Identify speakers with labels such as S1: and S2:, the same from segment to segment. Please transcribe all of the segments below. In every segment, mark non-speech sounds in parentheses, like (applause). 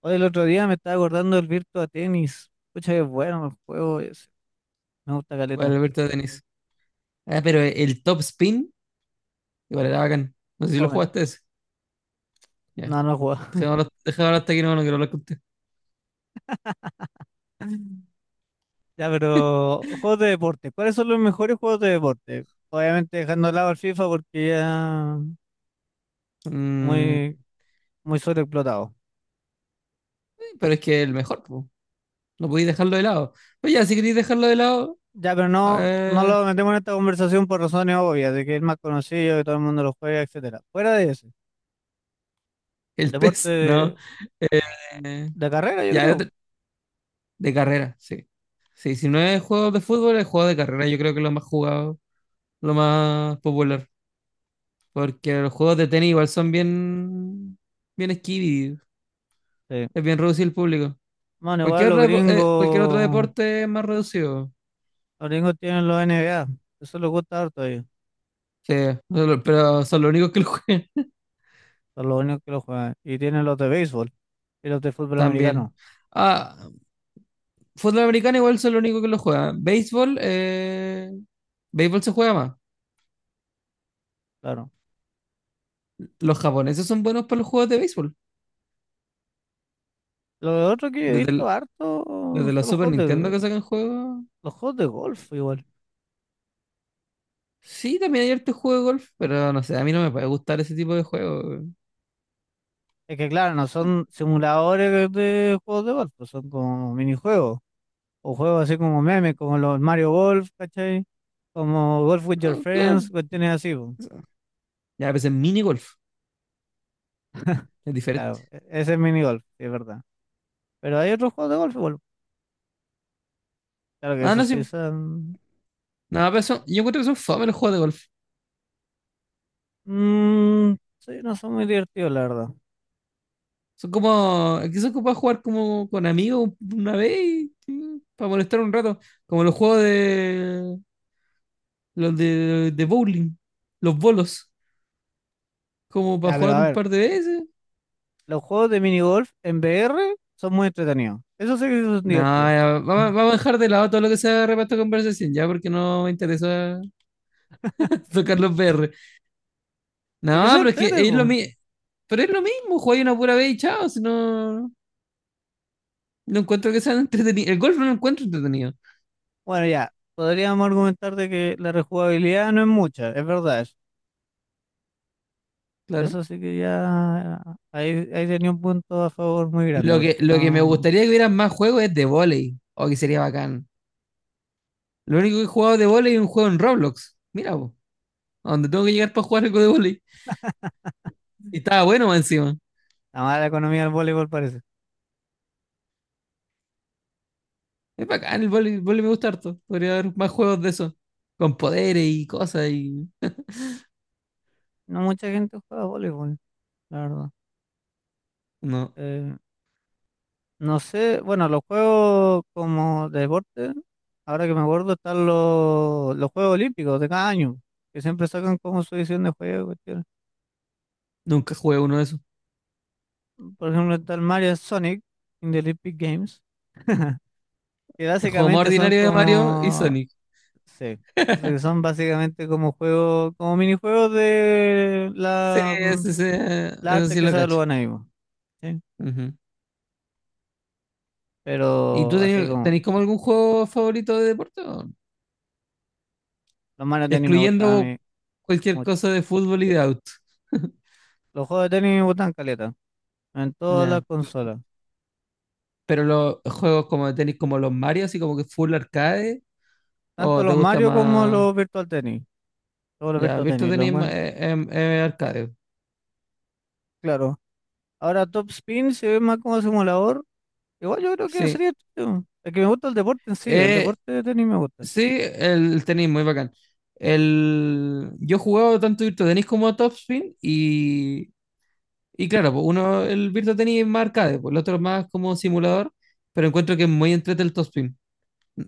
S1: Hoy el otro día me estaba acordando del Virtua Tennis. Pucha, que bueno el juego ese. Me gusta
S2: Bueno,
S1: caleta.
S2: Alberto Tenis. Ah, pero el top spin, igual era bacán. No sé si lo
S1: Joder,
S2: jugaste ese. Ya.
S1: no he jugado.
S2: Dejémoslo, dejémoslo hasta aquí, no, no quiero hablar con usted.
S1: (laughs) Ya,
S2: (laughs)
S1: pero juegos de deporte. ¿Cuáles son los mejores juegos de deporte? Obviamente dejando de lado el FIFA porque ya
S2: Mm,
S1: muy, muy sobreexplotado.
S2: sí, pero es que el mejor, po. No podéis dejarlo de lado. Pues ya, si queréis dejarlo de lado,
S1: Ya, pero no
S2: eh,
S1: lo metemos en esta conversación por razones obvias, de que es el más conocido, que todo el mundo lo juega, etcétera. Fuera de ese,
S2: el
S1: deporte
S2: pez, (laughs) no. Eh,
S1: de carrera, yo
S2: ya,
S1: creo.
S2: de carrera, sí. Sí, si no es juegos de fútbol, es juego de carrera. Yo creo que es lo más jugado, lo más popular. Porque los juegos de tenis igual son bien, bien esquivi.
S1: Sí.
S2: Es bien reducido el público.
S1: Bueno, igual
S2: Cualquier, repo- eh, cualquier otro deporte es más reducido.
S1: los gringos tienen los NBA. Eso les gusta harto ellos.
S2: Sí, pero son los únicos que lo juegan
S1: Son los únicos que lo juegan. Y tienen los de béisbol y los
S2: (laughs)
S1: de fútbol
S2: también.
S1: americano,
S2: Ah, fútbol americano igual son los únicos que lo juegan. Béisbol se juega más.
S1: claro.
S2: Los japoneses son buenos para los juegos de béisbol.
S1: Lo otro que yo he
S2: Desde, el-
S1: visto harto
S2: desde la
S1: son
S2: Super Nintendo que sacan juegos.
S1: los juegos de golf igual.
S2: Sí, también hay harto juego de golf, pero no sé, a mí no me puede gustar ese tipo de juego.
S1: Es que claro, no son simuladores de juegos de golf, pues son como minijuegos. O juegos así como memes, como los Mario Golf, ¿cachai? Como Golf with Your
S2: No,
S1: Friends,
S2: claro,
S1: cuestiones así, pues.
S2: ya, a veces mini golf es diferente.
S1: Claro, ese es mini golf, sí, es verdad. Pero hay otros juegos de golf igual. Claro que
S2: Ah, no,
S1: esos sí
S2: sí.
S1: son...
S2: No, pero yo encuentro que son fome los juegos de golf.
S1: mm, sí, no son muy divertidos, la verdad.
S2: Son como, que son como para jugar como con amigos una vez y para molestar un rato. Como los juegos de los de bowling, los bolos, como para
S1: Ya, pero
S2: jugar
S1: a
S2: un
S1: ver.
S2: par de veces.
S1: Los juegos de minigolf en VR son muy entretenidos. Eso sí que son
S2: No,
S1: divertidos.
S2: ya,
S1: Mm.
S2: vamos a dejar de lado todo lo que sea reparto de conversación, ya porque no me interesa (laughs) tocar los BR.
S1: Es que
S2: No,
S1: son
S2: pero es que
S1: entrete,
S2: es lo
S1: po.
S2: mismo, pero es lo mismo, jugar una pura vez y chao, si no, no encuentro que sean entretenidos. El golf no lo encuentro entretenido,
S1: Bueno, ya. Podríamos argumentar de que la rejugabilidad no es mucha, es verdad.
S2: claro.
S1: Eso sí que ya ahí tenía un punto a favor muy grande,
S2: Lo que,
S1: porque
S2: lo que me
S1: no.
S2: gustaría que hubieran más juegos es de volei, o que sería bacán. Lo único que he jugado de volei es un juego en Roblox. Mira, po, a donde tengo que llegar para jugar algo de volei. Y estaba bueno más encima.
S1: La mala economía del voleibol parece.
S2: Es bacán, el volei, el vóley me gusta harto. Podría haber más juegos de eso. Con poderes y cosas y...
S1: No mucha gente juega voleibol, la verdad.
S2: No,
S1: Eh, No sé, bueno, los juegos como de deporte, ahora que me acuerdo, están los Juegos Olímpicos de cada año, que siempre sacan como su edición de juego. Cuestiones.
S2: nunca jugué uno de esos.
S1: Por ejemplo, está el Mario Sonic in the Olympic Games, que
S2: El juego más
S1: básicamente son
S2: ordinario de Mario y
S1: como,
S2: Sonic.
S1: sí, sí,
S2: (laughs)
S1: son básicamente como juegos, como minijuegos de
S2: Sí,
S1: la, la
S2: eso
S1: arte
S2: sí
S1: que
S2: lo
S1: se
S2: cacho.
S1: los ahí, po, ¿sí?
S2: Ujú. ¿Y tú
S1: Pero así
S2: tenías,
S1: como,
S2: tenés como algún juego favorito de deporte, o no?
S1: los Mario Tennis me gustan a
S2: Excluyendo
S1: mí
S2: cualquier
S1: mucho.
S2: cosa de fútbol y de auto.
S1: Los juegos de tenis me gustan caleta, en todas las
S2: Ya.
S1: consolas.
S2: Pero los juegos como tenéis como los Mario, así como que full arcade.
S1: Tanto
S2: ¿O te
S1: los
S2: gusta
S1: Mario como
S2: más?
S1: los Virtual Tennis. Todos los
S2: Ya,
S1: Virtual
S2: Virtua
S1: Tennis lo
S2: Tenis es
S1: encuentro.
S2: arcade.
S1: Claro. Ahora Top Spin se ve más como simulador. Igual yo creo que
S2: Sí.
S1: sería chido. Es que me gusta el deporte en sí. El
S2: Eh,
S1: deporte de tenis me gusta.
S2: sí, el tenis muy bacán. Yo he jugado tanto Virtua Tenis como Topspin y claro, pues uno, el Virtua Tenis es más arcade, pues el otro es más como simulador, pero encuentro que es muy entrete el Topspin.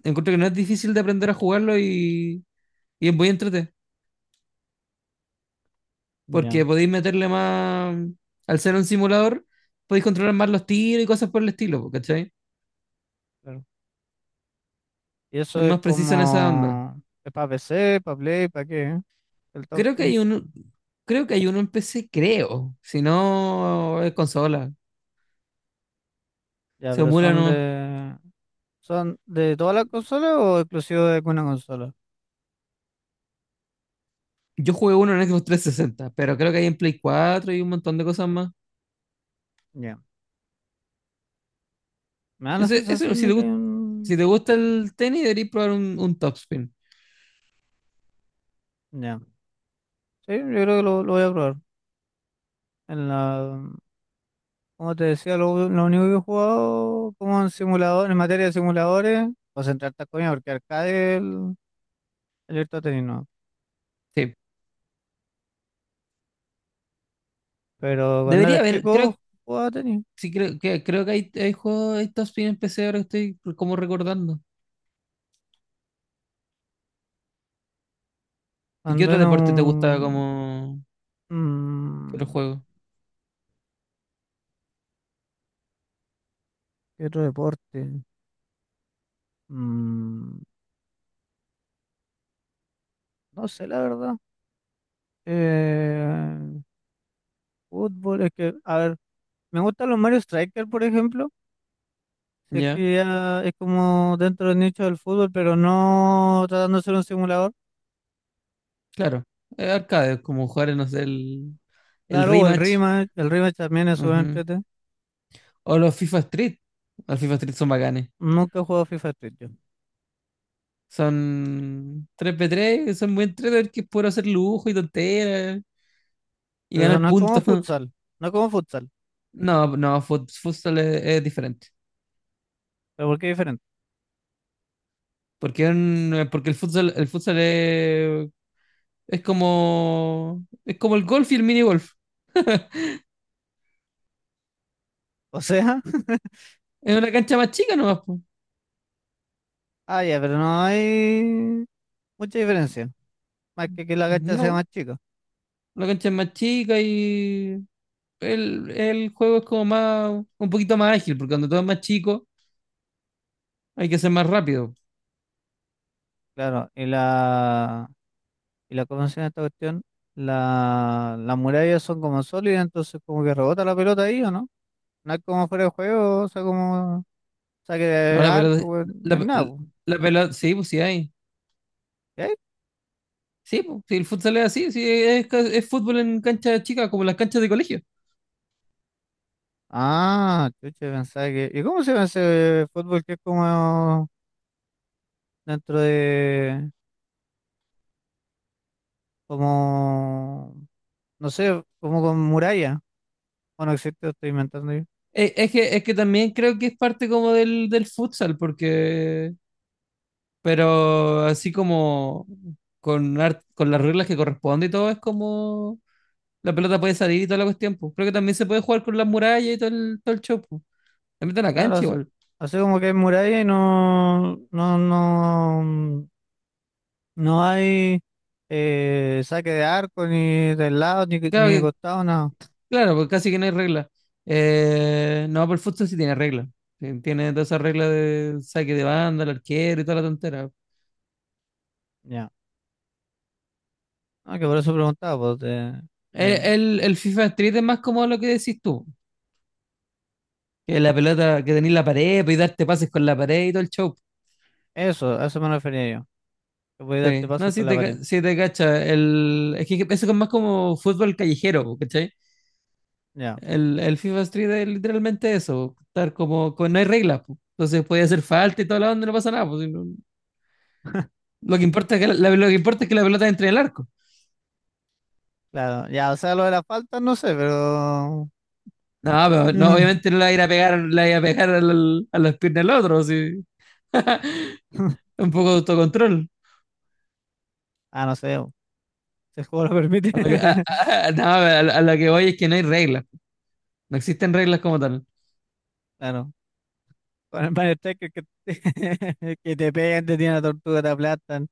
S2: Encuentro que no es difícil de aprender a jugarlo y es muy entrete,
S1: Ya,
S2: porque podéis meterle más... Al ser un simulador, podéis controlar más los tiros y cosas por el estilo, pues, ¿cachai?
S1: claro. Y
S2: Es
S1: eso es
S2: más preciso en esa onda.
S1: como. Es para PC, para Play, ¿para qué? ¿Eh? El Top
S2: Creo que
S1: Spin.
S2: hay uno, creo que hay uno en PC, creo. Si no, es consola.
S1: Ya,
S2: Se
S1: pero
S2: emula
S1: son
S2: nomás.
S1: de. ¿Son de todas las consolas o exclusivo de alguna consola?
S2: Yo jugué uno en Xbox 360, pero creo que hay en Play 4 y un montón de cosas más.
S1: Ya. Me da la
S2: Ese, eso
S1: sensación
S2: si
S1: de
S2: te
S1: que hay
S2: gusta,
S1: un.
S2: si te gusta el tenis, deberías probar un topspin.
S1: Ya. Sí, yo creo que lo voy a probar. En la. Como te decía, lo único que he jugado como en simulador, en materia de simuladores, concentrarte a coña porque arcade el Virtua Tennis no.
S2: Sí.
S1: Pero cuando era
S2: Debería haber, creo,
S1: chico jugaba tenis.
S2: sí, creo que hay juegos, hay topspin en PC ahora que estoy como recordando. ¿Y qué
S1: Cuando
S2: otro
S1: era
S2: deporte te gusta
S1: un...
S2: como qué otro
S1: mm,
S2: juego?
S1: ¿qué otro deporte? Mm, no sé, la verdad. Eh, fútbol, es que, a ver, me gustan los Mario Striker, por ejemplo. Sé
S2: Ya,
S1: que ya es como dentro del nicho del fútbol, pero no tratando de ser un simulador.
S2: claro. Arcade, como jugar, no sé, el
S1: Claro, o
S2: rematch.
S1: el rematch también es súper
S2: Ujú.
S1: entretenido.
S2: O los FIFA Street. Los FIFA Street son bacanes.
S1: Nunca he jugado FIFA Street yo.
S2: V 3 son muy entretenidos que puedo hacer lujo y tonteras y
S1: Pero eso
S2: ganar
S1: no es como
S2: puntos. (laughs)
S1: no es como futsal,
S2: No, no, futsal es diferente.
S1: pero porque es diferente.
S2: Porque el futsal, es como el golf y el mini golf.
S1: O sea, (laughs)
S2: Es una cancha más chica nomás, po.
S1: ah, ya, pero no hay mucha diferencia. Más que la cancha sea
S2: No,
S1: más chica,
S2: la cancha es más chica y el juego es como más un poquito más ágil, porque cuando todo es más chico hay que ser más rápido.
S1: claro. Y la, ¿cómo se llama esta cuestión? La, las murallas son como sólidas, entonces como que rebota la pelota ahí, ¿o no? No es como fuera de juego, o sea, como saque
S2: No,
S1: de arco, pues, no hay
S2: la,
S1: nada, pues.
S2: la pelota, sí, pues sí hay. Sí, pues, sí, el futsal es así, sí, es fútbol en canchas chicas, como las canchas de colegio.
S1: Ah, chucha, pensaba que. ¿Y cómo se ve ese fútbol que es como dentro de. Como. No sé, como con muralla? Bueno, existe, lo estoy inventando yo.
S2: Es que también creo que es parte como del futsal, pero así como con las reglas que corresponde y todo, es como la pelota puede salir y toda la cuestión, pues. Creo que también se puede jugar con las murallas y todo el show, pues. También está en la
S1: Claro,
S2: cancha igual.
S1: hace como que es muralla y no. No, no. No hay saque de arco, ni del lado, ni de
S2: Claro,
S1: costado, nada.
S2: claro, porque casi que no hay regla. No, pero el futsal sí tiene regla. Sí, tiene todas esas reglas de saque de banda, el arquero y toda la tontera.
S1: Ya. Ah, que por eso preguntaba, pues.
S2: Eh,
S1: Que-
S2: El, el FIFA Street es más como lo que decís tú, que la pelota, que tenés la pared pues, y darte pases con la pared y todo el show.
S1: Eso, a eso me refería yo. Que podía darte
S2: Sí, no,
S1: pasos
S2: sí
S1: con la
S2: te,
S1: pared.
S2: ca- sí te cacha. Es que eso es más como fútbol callejero, po, ¿cachai?
S1: Ya.
S2: El FIFA Street es literalmente eso, po, estar como, con, no hay reglas, po. Entonces puede hacer falta y toda la onda y no pasa nada, po. Lo que importa es que la pelota entre en el arco.
S1: Claro, ya, o sea, lo de la falta no sé, pero...
S2: No, pero no, obviamente no
S1: (laughs)
S2: la iba a pegar, la iba a pegar a las piernas del otro, sí. (laughs) Un poco de autocontrol.
S1: Ah, no sé, si el juego lo permite.
S2: A lo que,
S1: (laughs)
S2: a- no, a lo que voy es que no hay reglas. No existen reglas como tal.
S1: Claro, con el Mario Striker que, (laughs) que te pegan, te tiran la tortuga, te aplastan.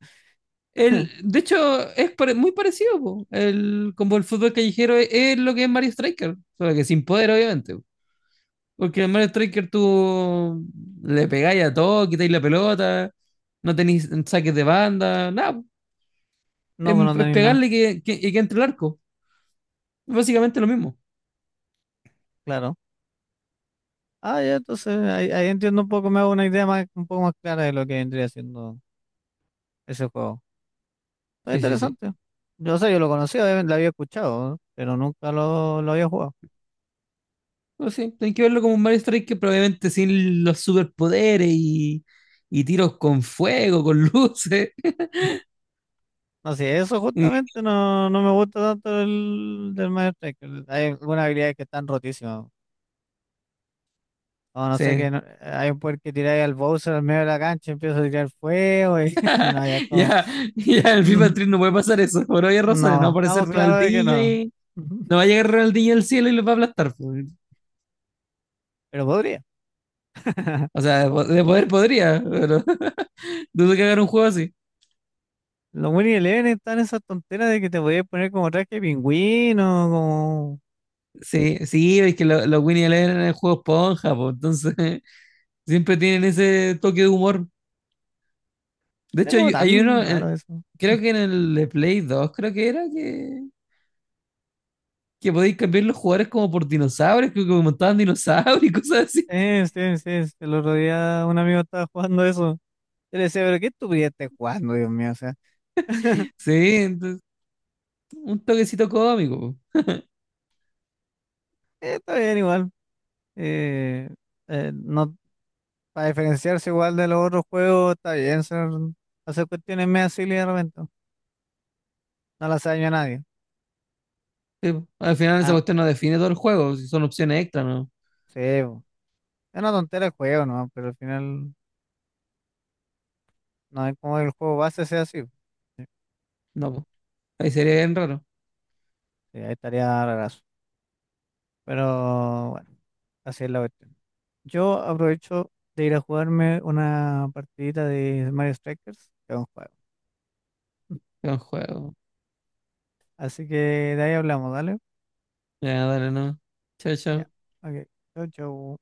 S1: (laughs)
S2: De hecho, es muy parecido, po. Como el fútbol callejero es lo que es Mario Striker, solo que sin poder, obviamente, po. Porque en Mario Striker tú le pegáis a todo, quitáis la pelota, no tenéis saques de banda, nada, po.
S1: No,
S2: Es,
S1: pues no
S2: es
S1: tenéis nada,
S2: pegarle que, y que entre el arco. Básicamente lo mismo.
S1: claro. Ah, ya, entonces ahí entiendo un poco, me hago una idea más, un poco más clara de lo que vendría siendo ese juego. Está
S2: Sí, sí, sí.
S1: interesante. Yo sé, yo lo conocía, obviamente, lo había escuchado, ¿no? Pero nunca lo había jugado.
S2: No, sí, tenés que verlo como un Mario Strike probablemente sin los superpoderes y tiros con fuego, con (laughs) luces.
S1: No sé, eso
S2: Mm,
S1: justamente no me gusta tanto el del Mario Striker. Hay algunas habilidades que están rotísimas. O no sé, que
S2: sí,
S1: no- hay un poder que tiráis al Bowser al medio de la cancha y empieza a tirar fuego y, (laughs) y no, ya es como...
S2: ya, ya el FIFA
S1: (laughs)
S2: Street no puede pasar eso, por obvias razones. No va a
S1: No,
S2: aparecer
S1: estamos claros de que
S2: Ronaldinho
S1: no.
S2: y
S1: (laughs)
S2: no va a llegar Ronaldinho al cielo y los va a aplastar, pues.
S1: Pero podría. (laughs)
S2: O sea, de poder podría, pero (laughs) dudo que hagan un juego así.
S1: Los Winning Eleven están esas tonteras de que te podías poner como traje de pingüino, como...
S2: Sí, sí, es que los Winnie Eleven eran el juego esponja, pues, entonces (laughs) siempre tienen ese toque de humor. De
S1: Es
S2: hecho,
S1: como
S2: hay uno,
S1: tan raro eso.
S2: creo que en el de Play 2 creo que era que podéis cambiar los jugadores como por dinosaurios, que como montaban dinosaurios y cosas así.
S1: Sí, sí, sí, el otro día un amigo estaba jugando eso. Yo le decía, pero qué estupidez estás jugando, Dios mío.
S2: Sí, entonces, un toquecito cómico.
S1: Está bien igual. Eh, no, para diferenciarse igual de los otros juegos, está bien hacer cuestiones medio silly de repente. No las hace daño a nadie.
S2: Sí, al final esa
S1: Ah,
S2: cuestión no define todo el juego, si son opciones extra, no.
S1: sí, po. Es una tontera el juego, ¿no? Pero al final no es como el juego base sea así.
S2: No, po, ahí sería bien raro.
S1: Sí, ahí estaría rarazo. Pero bueno, así es la cuestión. Yo aprovecho de ir a jugarme una partidita de Mario Strikers, que es un juego. (laughs)
S2: Buen juego.
S1: Así que de ahí hablamos, ¿dale?
S2: Ya, dale, no. Chao,
S1: Ya.
S2: chao.
S1: Ok. Chau, chau.